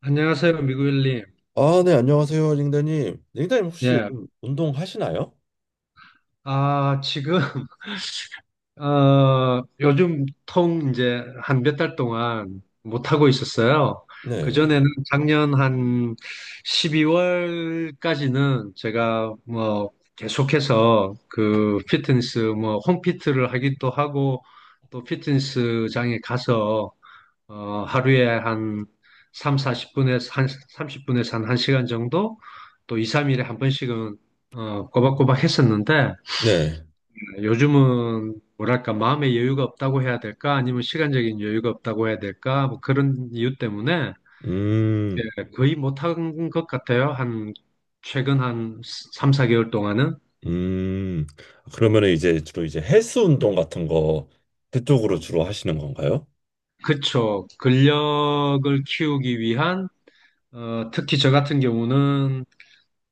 안녕하세요, 미구엘님. 아, 네, 안녕하세요, 링다님. 링다님 혹시 예. 요즘 운동하시나요? 아, 지금, 요즘 통 이제 한 몇 달 동안 못하고 있었어요. 네. 그전에는 작년 한 12월까지는 제가 뭐 계속해서 그 피트니스, 뭐 홈피트를 하기도 하고 또 피트니스장에 가서 하루에 한 3, 사0분에서 한 30분에서 한 1시간 정도, 또 2, 3일에 한 번씩은 꼬박꼬박 했었는데, 네. 요즘은 뭐랄까 마음의 여유가 없다고 해야 될까, 아니면 시간적인 여유가 없다고 해야 될까, 뭐 그런 이유 때문에 음, 예, 거의 못한 것 같아요. 한 최근 한 3, 4개월 동안은. 음. 그러면 이제 주로 이제 헬스 운동 같은 거 그쪽으로 주로 하시는 건가요? 그쵸. 근력을 키우기 위한, 특히 저 같은 경우는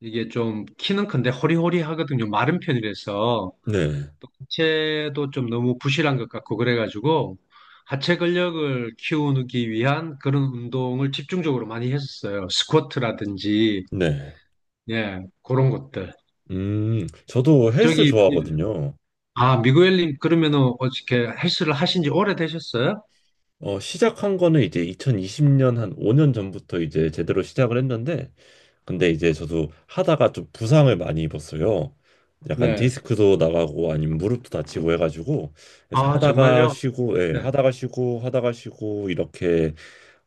이게 좀 키는 큰데 허리허리하거든요. 마른 편이라서 네. 또 하체도 좀 너무 부실한 것 같고, 그래가지고 하체 근력을 키우기 위한 그런 운동을 집중적으로 많이 했었어요. 스쿼트라든지, 네. 예, 그런 것들. 저도 헬스 저기 예. 좋아하거든요. 아, 미구엘님, 그러면은 어떻게 헬스를 하신 지 오래되셨어요? 어, 시작한 거는 이제 2020년 한 5년 전부터 이제 제대로 시작을 했는데, 근데 이제 저도 하다가 좀 부상을 많이 입었어요. 약간 네. 디스크도 나가고 아니면 무릎도 다치고 해가지고, 그래서 아, 하다가 정말요? 쉬고, 예, 네. 하다가 쉬고, 하다가 쉬고, 이렇게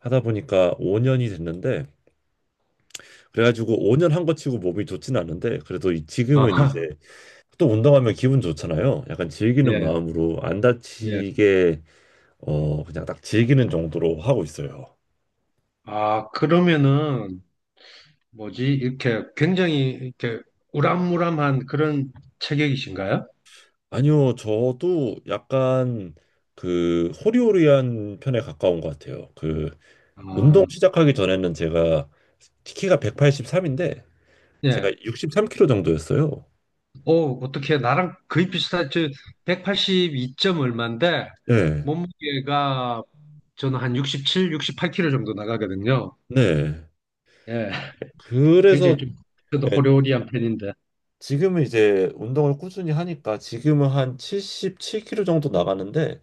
하다 보니까 5년이 됐는데, 그래가지고 5년한 거 치고 몸이 좋진 않은데, 그래도 지금은 아, 이제 또 운동하면 기분 좋잖아요. 약간 즐기는 예, 마음으로 안 예. 다치게, 어, 그냥 딱 즐기는 정도로 하고 있어요. 아, 그러면은 뭐지? 이렇게 굉장히 이렇게 우람무람한 그런 체격이신가요? 아니요, 저도 약간 그 호리호리한 편에 가까운 것 같아요. 그 운동 아, 시작하기 전에는 제가 키가 183인데 예. 제가 63kg 정도였어요. 오, 어떻게 나랑 거의 비슷한, 저 182점 얼마인데. 네, 몸무게가 저는 한 67, 68kg 정도 나가거든요. 네. 예. 그래서 굉장히 좀, 저도 예, 호리호리한 편인데. 지금은 이제 운동을 꾸준히 하니까 지금은 한 77kg 정도 나가는데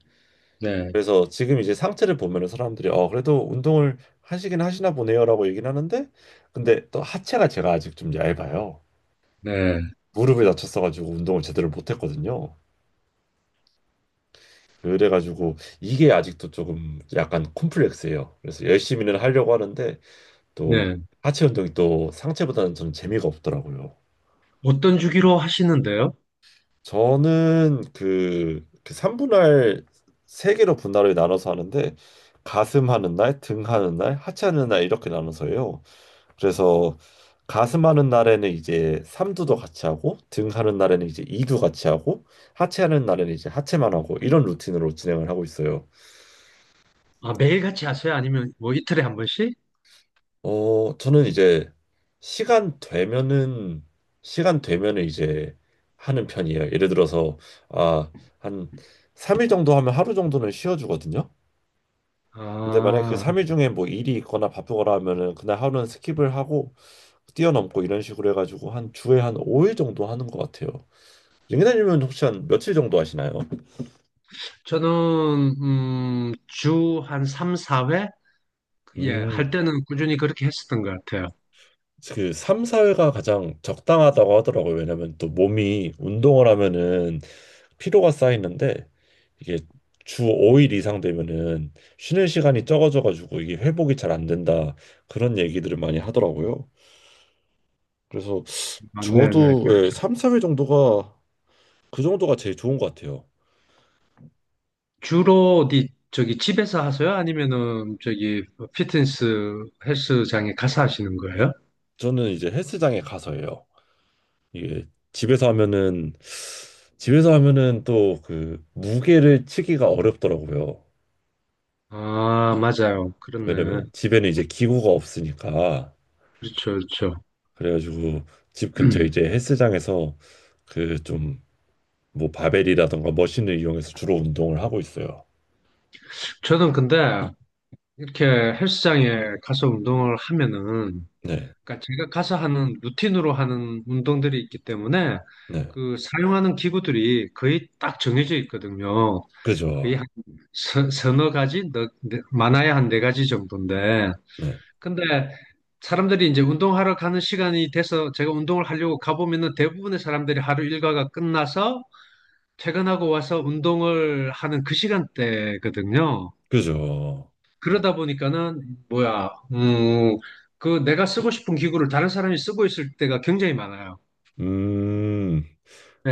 네. 그래서 지금 이제 상체를 보면은 사람들이 어 그래도 운동을 하시긴 하시나 보네요라고 얘기는 하는데 근데 또 하체가 제가 아직 좀 얇아요. 네. 무릎을 다쳤어가지고 운동을 제대로 못했거든요. 그래가지고 이게 아직도 조금 약간 콤플렉스예요. 그래서 열심히는 하려고 하는데 또 네. 하체 운동이 또 상체보다는 좀 재미가 없더라고요. 어떤 주기로 하시는데요? 저는 그 3분할 세개로 분할을 나눠서 하는데 가슴 하는 날, 등 하는 날, 하체 하는 날 이렇게 나눠서 해요. 그래서 가슴하는 날에는 이제 삼두도 같이 하고 등하는 날에는 이제 이두 같이 하고 하체하는 날에는 이제 하체만 하고 이런 루틴으로 진행을 하고 있어요. 아, 매일같이 하세요? 아니면 뭐 이틀에 한 번씩? 어, 저는 이제 시간 되면은 시간 되면은 이제 하는 편이에요. 예를 들어서 아, 한 3일 정도 하면 하루 정도는 쉬어 주거든요. 근데 만약에 그 아, 3일 중에 뭐 일이 있거나 바쁘거나 하면은 그날 하루는 스킵을 하고 뛰어넘고 이런 식으로 해가지고 한 주에 한 5일 정도 하는 것 같아요. 링크드님은 혹시 한 며칠 정도 하시나요? 저는 주 한 3, 4회? 예, 할 음, 때는 꾸준히 그렇게 했었던 것 같아요. 그 3, 4회가 가장 적당하다고 하더라고요. 왜냐면 또 몸이 운동을 하면은 피로가 쌓이는데 이게 주 5일 이상 되면은 쉬는 시간이 적어져가지고 이게 회복이 잘 안 된다. 그런 얘기들을 많이 하더라고요. 그래서 아, 네네. 저도 예, 그렇죠. 3, 4회 정도가 그 정도가 제일 좋은 것 같아요. 주로 어디, 저기 집에서 하세요? 아니면은 저기 피트니스 헬스장에 가서 하시는 거예요? 저는 이제 헬스장에 가서 해요. 이게 집에서 하면은 집에서 하면은 또 그 무게를 치기가 어렵더라고요. 아, 맞아요. 그렇네. 왜냐면 집에는 이제 기구가 없으니까 그렇죠, 그렇죠. 그래가지고 집 근처 이제 헬스장에서 그 좀 뭐 바벨이라던가 머신을 이용해서 주로 운동을 하고 있어요. 저는 근데 이렇게 헬스장에 가서 운동을 하면은, 네, 그러니까 제가 가서 하는 루틴으로 하는 운동들이 있기 때문에 네, 그 사용하는 기구들이 거의 딱 정해져 있거든요. 거의 그죠, 한 서너 가지, 많아야 한 네 가지 정도인데, 네, 근데 사람들이 이제 운동하러 가는 시간이 돼서 제가 운동을 하려고 가보면은 대부분의 사람들이 하루 일과가 끝나서 퇴근하고 와서 운동을 하는 그 시간대거든요. 그죠. 그러다 보니까는 뭐야, 그 내가 쓰고 싶은 기구를 다른 사람이 쓰고 있을 때가 굉장히 많아요. 음,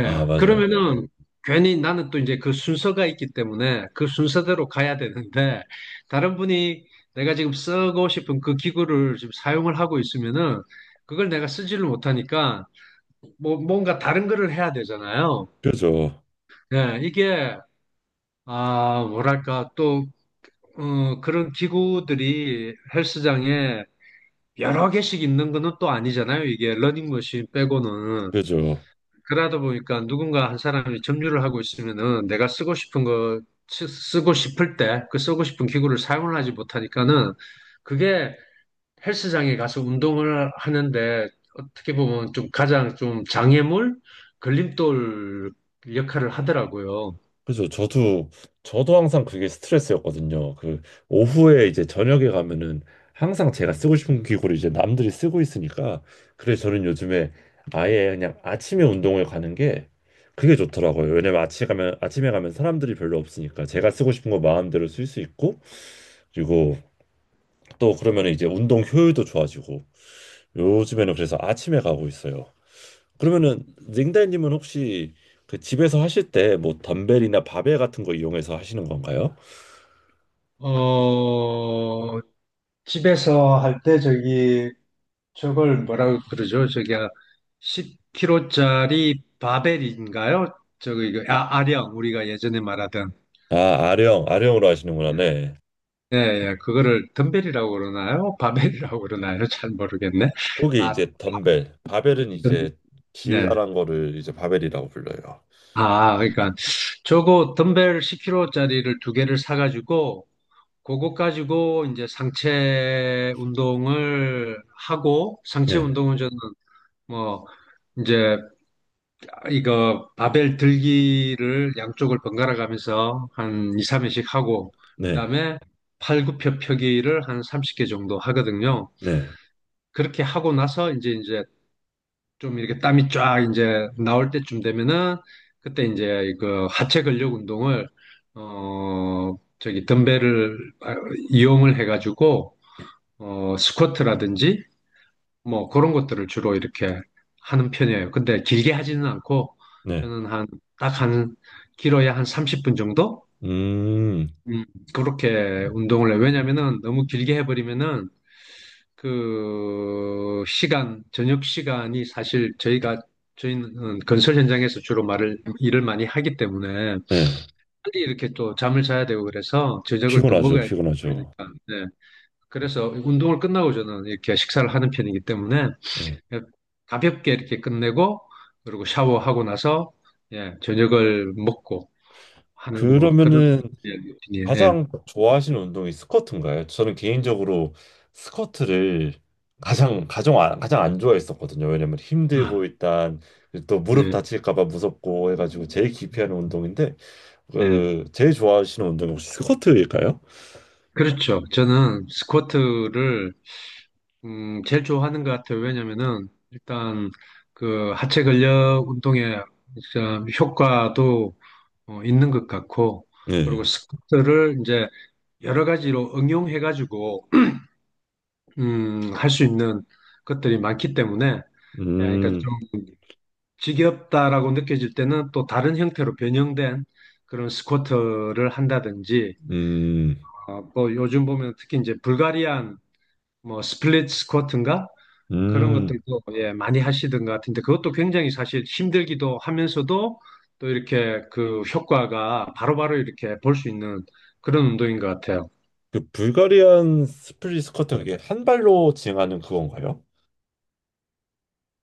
아 맞아요, 그러면은 괜히 나는 또 이제 그 순서가 있기 때문에 그 순서대로 가야 되는데, 다른 분이 내가 지금 쓰고 싶은 그 기구를 지금 사용을 하고 있으면은 그걸 내가 쓰지를 못하니까 뭐 뭔가 다른 거를 해야 되잖아요. 그죠, 예, 이게, 아, 뭐랄까, 또, 그런 기구들이 헬스장에 여러 개씩 있는 거는 또 아니잖아요, 이게 러닝머신 빼고는. 그죠. 그러다 보니까 누군가 한 사람이 점유를 하고 있으면은 내가 쓰고 싶은 거 쓰고 싶을 때 그 쓰고 싶은 기구를 사용을 하지 못하니까는, 그게 헬스장에 가서 운동을 하는데 어떻게 보면 좀 가장 좀 장애물, 걸림돌 역할을 하더라고요. 그죠. 저도 항상 그게 스트레스였거든요. 그, 오후에 이제 저녁에 가면은 항상 제가 쓰고 싶은 기구를 이제 남들이 쓰고 있으니까. 그래서 저는 요즘에 아예 그냥 아침에 운동을 가는 게 그게 좋더라고요. 왜냐면 아침에 가면 사람들이 별로 없으니까 제가 쓰고 싶은 거 마음대로 쓸 수 있고, 그리고 또 그러면 이제 운동 효율도 좋아지고, 요즘에는 그래서 아침에 가고 있어요. 그러면은, 링달님은 혹시 그 집에서 하실 때 뭐 덤벨이나 바벨 같은 거 이용해서 하시는 건가요? 어, 집에서 할 때 저기 저걸 뭐라고 그러죠? 저기 10kg짜리 바벨인가요? 저기 이거, 아, 아령, 우리가 예전에 말하던, 아, 아령으로 하시는구나. 네. 예, 예, 그거를 덤벨이라고 그러나요? 바벨이라고 그러나요? 잘 모르겠네. 그게 아, 이제 덤벨, 바벨은 덤, 이제 네. 길다란 거를 이제 바벨이라고 불러요. 아, 그러니까 저거 덤벨 10kg짜리를 2개를 사가지고, 그거 가지고 이제 상체 운동을 하고. 상체 네, 운동은 저는 뭐 이제 이거 바벨 들기를 양쪽을 번갈아 가면서 한 2, 3회씩 하고, 네, 그다음에 팔굽혀 펴기를 한 30개 정도 하거든요. 네, 그렇게 하고 나서 이제 좀 이렇게 땀이 쫙 이제 나올 때쯤 되면은 그때 이제 그 하체 근력 운동을, 저기 덤벨을, 아, 이용을 해가지고 스쿼트라든지 뭐 그런 것들을 주로 이렇게 하는 편이에요. 근데 길게 하지는 않고 네. 저는 한 딱 한 길어야 한 30분 정도, 음, 음, 그렇게 운동을 해요. 왜냐면은 너무 길게 해버리면은 그 시간, 저녁 시간이, 사실 저희가 저희는 건설 현장에서 주로 말을 일을 많이 하기 때문에 네. 빨리 이렇게 또 잠을 자야 되고, 그래서 저녁을 또 피곤하죠, 먹어야 되고, 피곤하죠. 그러니까 네. 그래서 운동을 끝나고 저는 이렇게 식사를 하는 편이기 때문에 네. 가볍게 이렇게 끝내고, 그리고 샤워하고 나서 예, 저녁을 먹고 하는 뭐 그런, 그러면은 예, 루틴이에요. 예. 가장 좋아하시는 운동이 스쿼트인가요? 저는 개인적으로 스쿼트를 가장 안 좋아했었거든요. 왜냐면 힘들고 아, 일단 또 무릎 네. 다칠까 봐 무섭고 해가지고 제일 기피하는 운동인데 네. 그 제일 좋아하시는 운동이 혹시 스쿼트일까요? 그렇죠. 저는 스쿼트를 제일 좋아하는 것 같아요. 왜냐면은, 일단, 그, 하체 근력 운동의 진짜 효과도 있는 것 같고, 그리고 네. 스쿼트를 이제 여러 가지로 응용해가지고, 할 수 있는 것들이 많기 때문에, 예, 그러니까 음, 좀 지겹다라고 느껴질 때는 또 다른 형태로 변형된 그런 스쿼트를 한다든지, 음, 또 요즘 보면 특히 이제 불가리안 뭐 스플릿 스쿼트인가? 그런 음. 것들도 예, 많이 하시던 것 같은데, 그것도 굉장히 사실 힘들기도 하면서도 또 이렇게 그 효과가 바로바로 이렇게 볼 수 있는 그런 운동인 것 같아요. 그 불가리안 스플릿 스쿼트 그게 한 발로 진행하는 그건가요?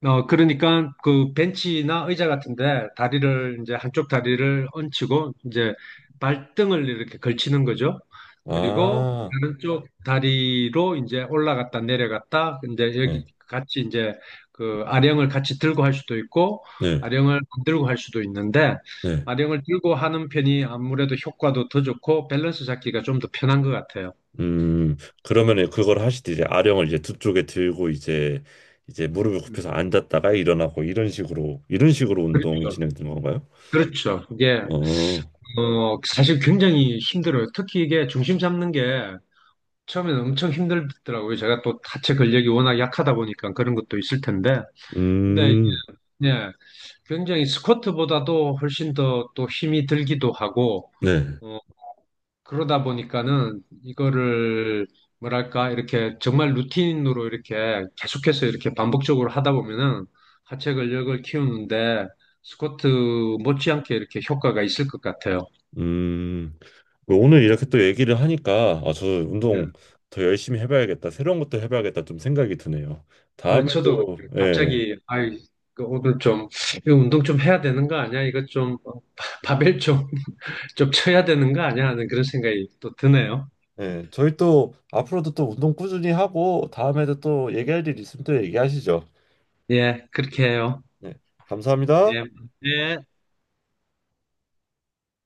그러니까 그 벤치나 의자 같은데 다리를, 이제 한쪽 다리를 얹히고 이제 발등을 이렇게 걸치는 거죠. 그리고 아, 다른 쪽 다리로 이제 올라갔다 내려갔다, 이제 여기 네, 같이 이제 그 아령을 같이 들고 할 수도 있고, 네, 아령을 안 들고 할 수도 있는데, 네. 아령을 들고 하는 편이 아무래도 효과도 더 좋고 밸런스 잡기가 좀 더 편한 것 같아요. 음, 그러면은 그걸 하실 때 이제 아령을 이제 두 쪽에 들고 이제 이제 무릎을 굽혀서 음. 앉았다가 일어나고 이런 식으로 운동이 진행되는 건가요? 그렇죠. 이게, 어, 사실 굉장히 힘들어요. 특히 이게 중심 잡는 게 처음에는 엄청 힘들더라고요. 제가 또 하체 근력이 워낙 약하다 보니까 그런 것도 있을 텐데. 근데 음, 이게 굉장히 스쿼트보다도 훨씬 더 또 힘이 들기도 하고, 네. 어, 그러다 보니까는 이거를 뭐랄까 이렇게 정말 루틴으로 이렇게 계속해서 이렇게 반복적으로 하다 보면은 하체 근력을 키우는데 스쿼트 못지않게 이렇게 효과가 있을 것 같아요. 음, 뭐 오늘 이렇게 또 얘기를 하니까, 아, 저 예. 운동 더 열심히 해봐야겠다. 새로운 것도 해봐야겠다. 좀 생각이 드네요. 아, 다음에 저도 그 또, 예, 갑자기 아이, 그 오늘 좀 이거 운동 좀 해야 되는 거 아니야? 이거 좀 바벨 좀 좀 쳐야 되는 거 아니야? 하는 그런 생각이 또 드네요. 네, 저희 또 앞으로도 또 운동 꾸준히 하고 다음에도 또 얘기할 일 있으면 또 얘기하시죠. 예, 그렇게 해요. 네, 감사합니다. 예, 예.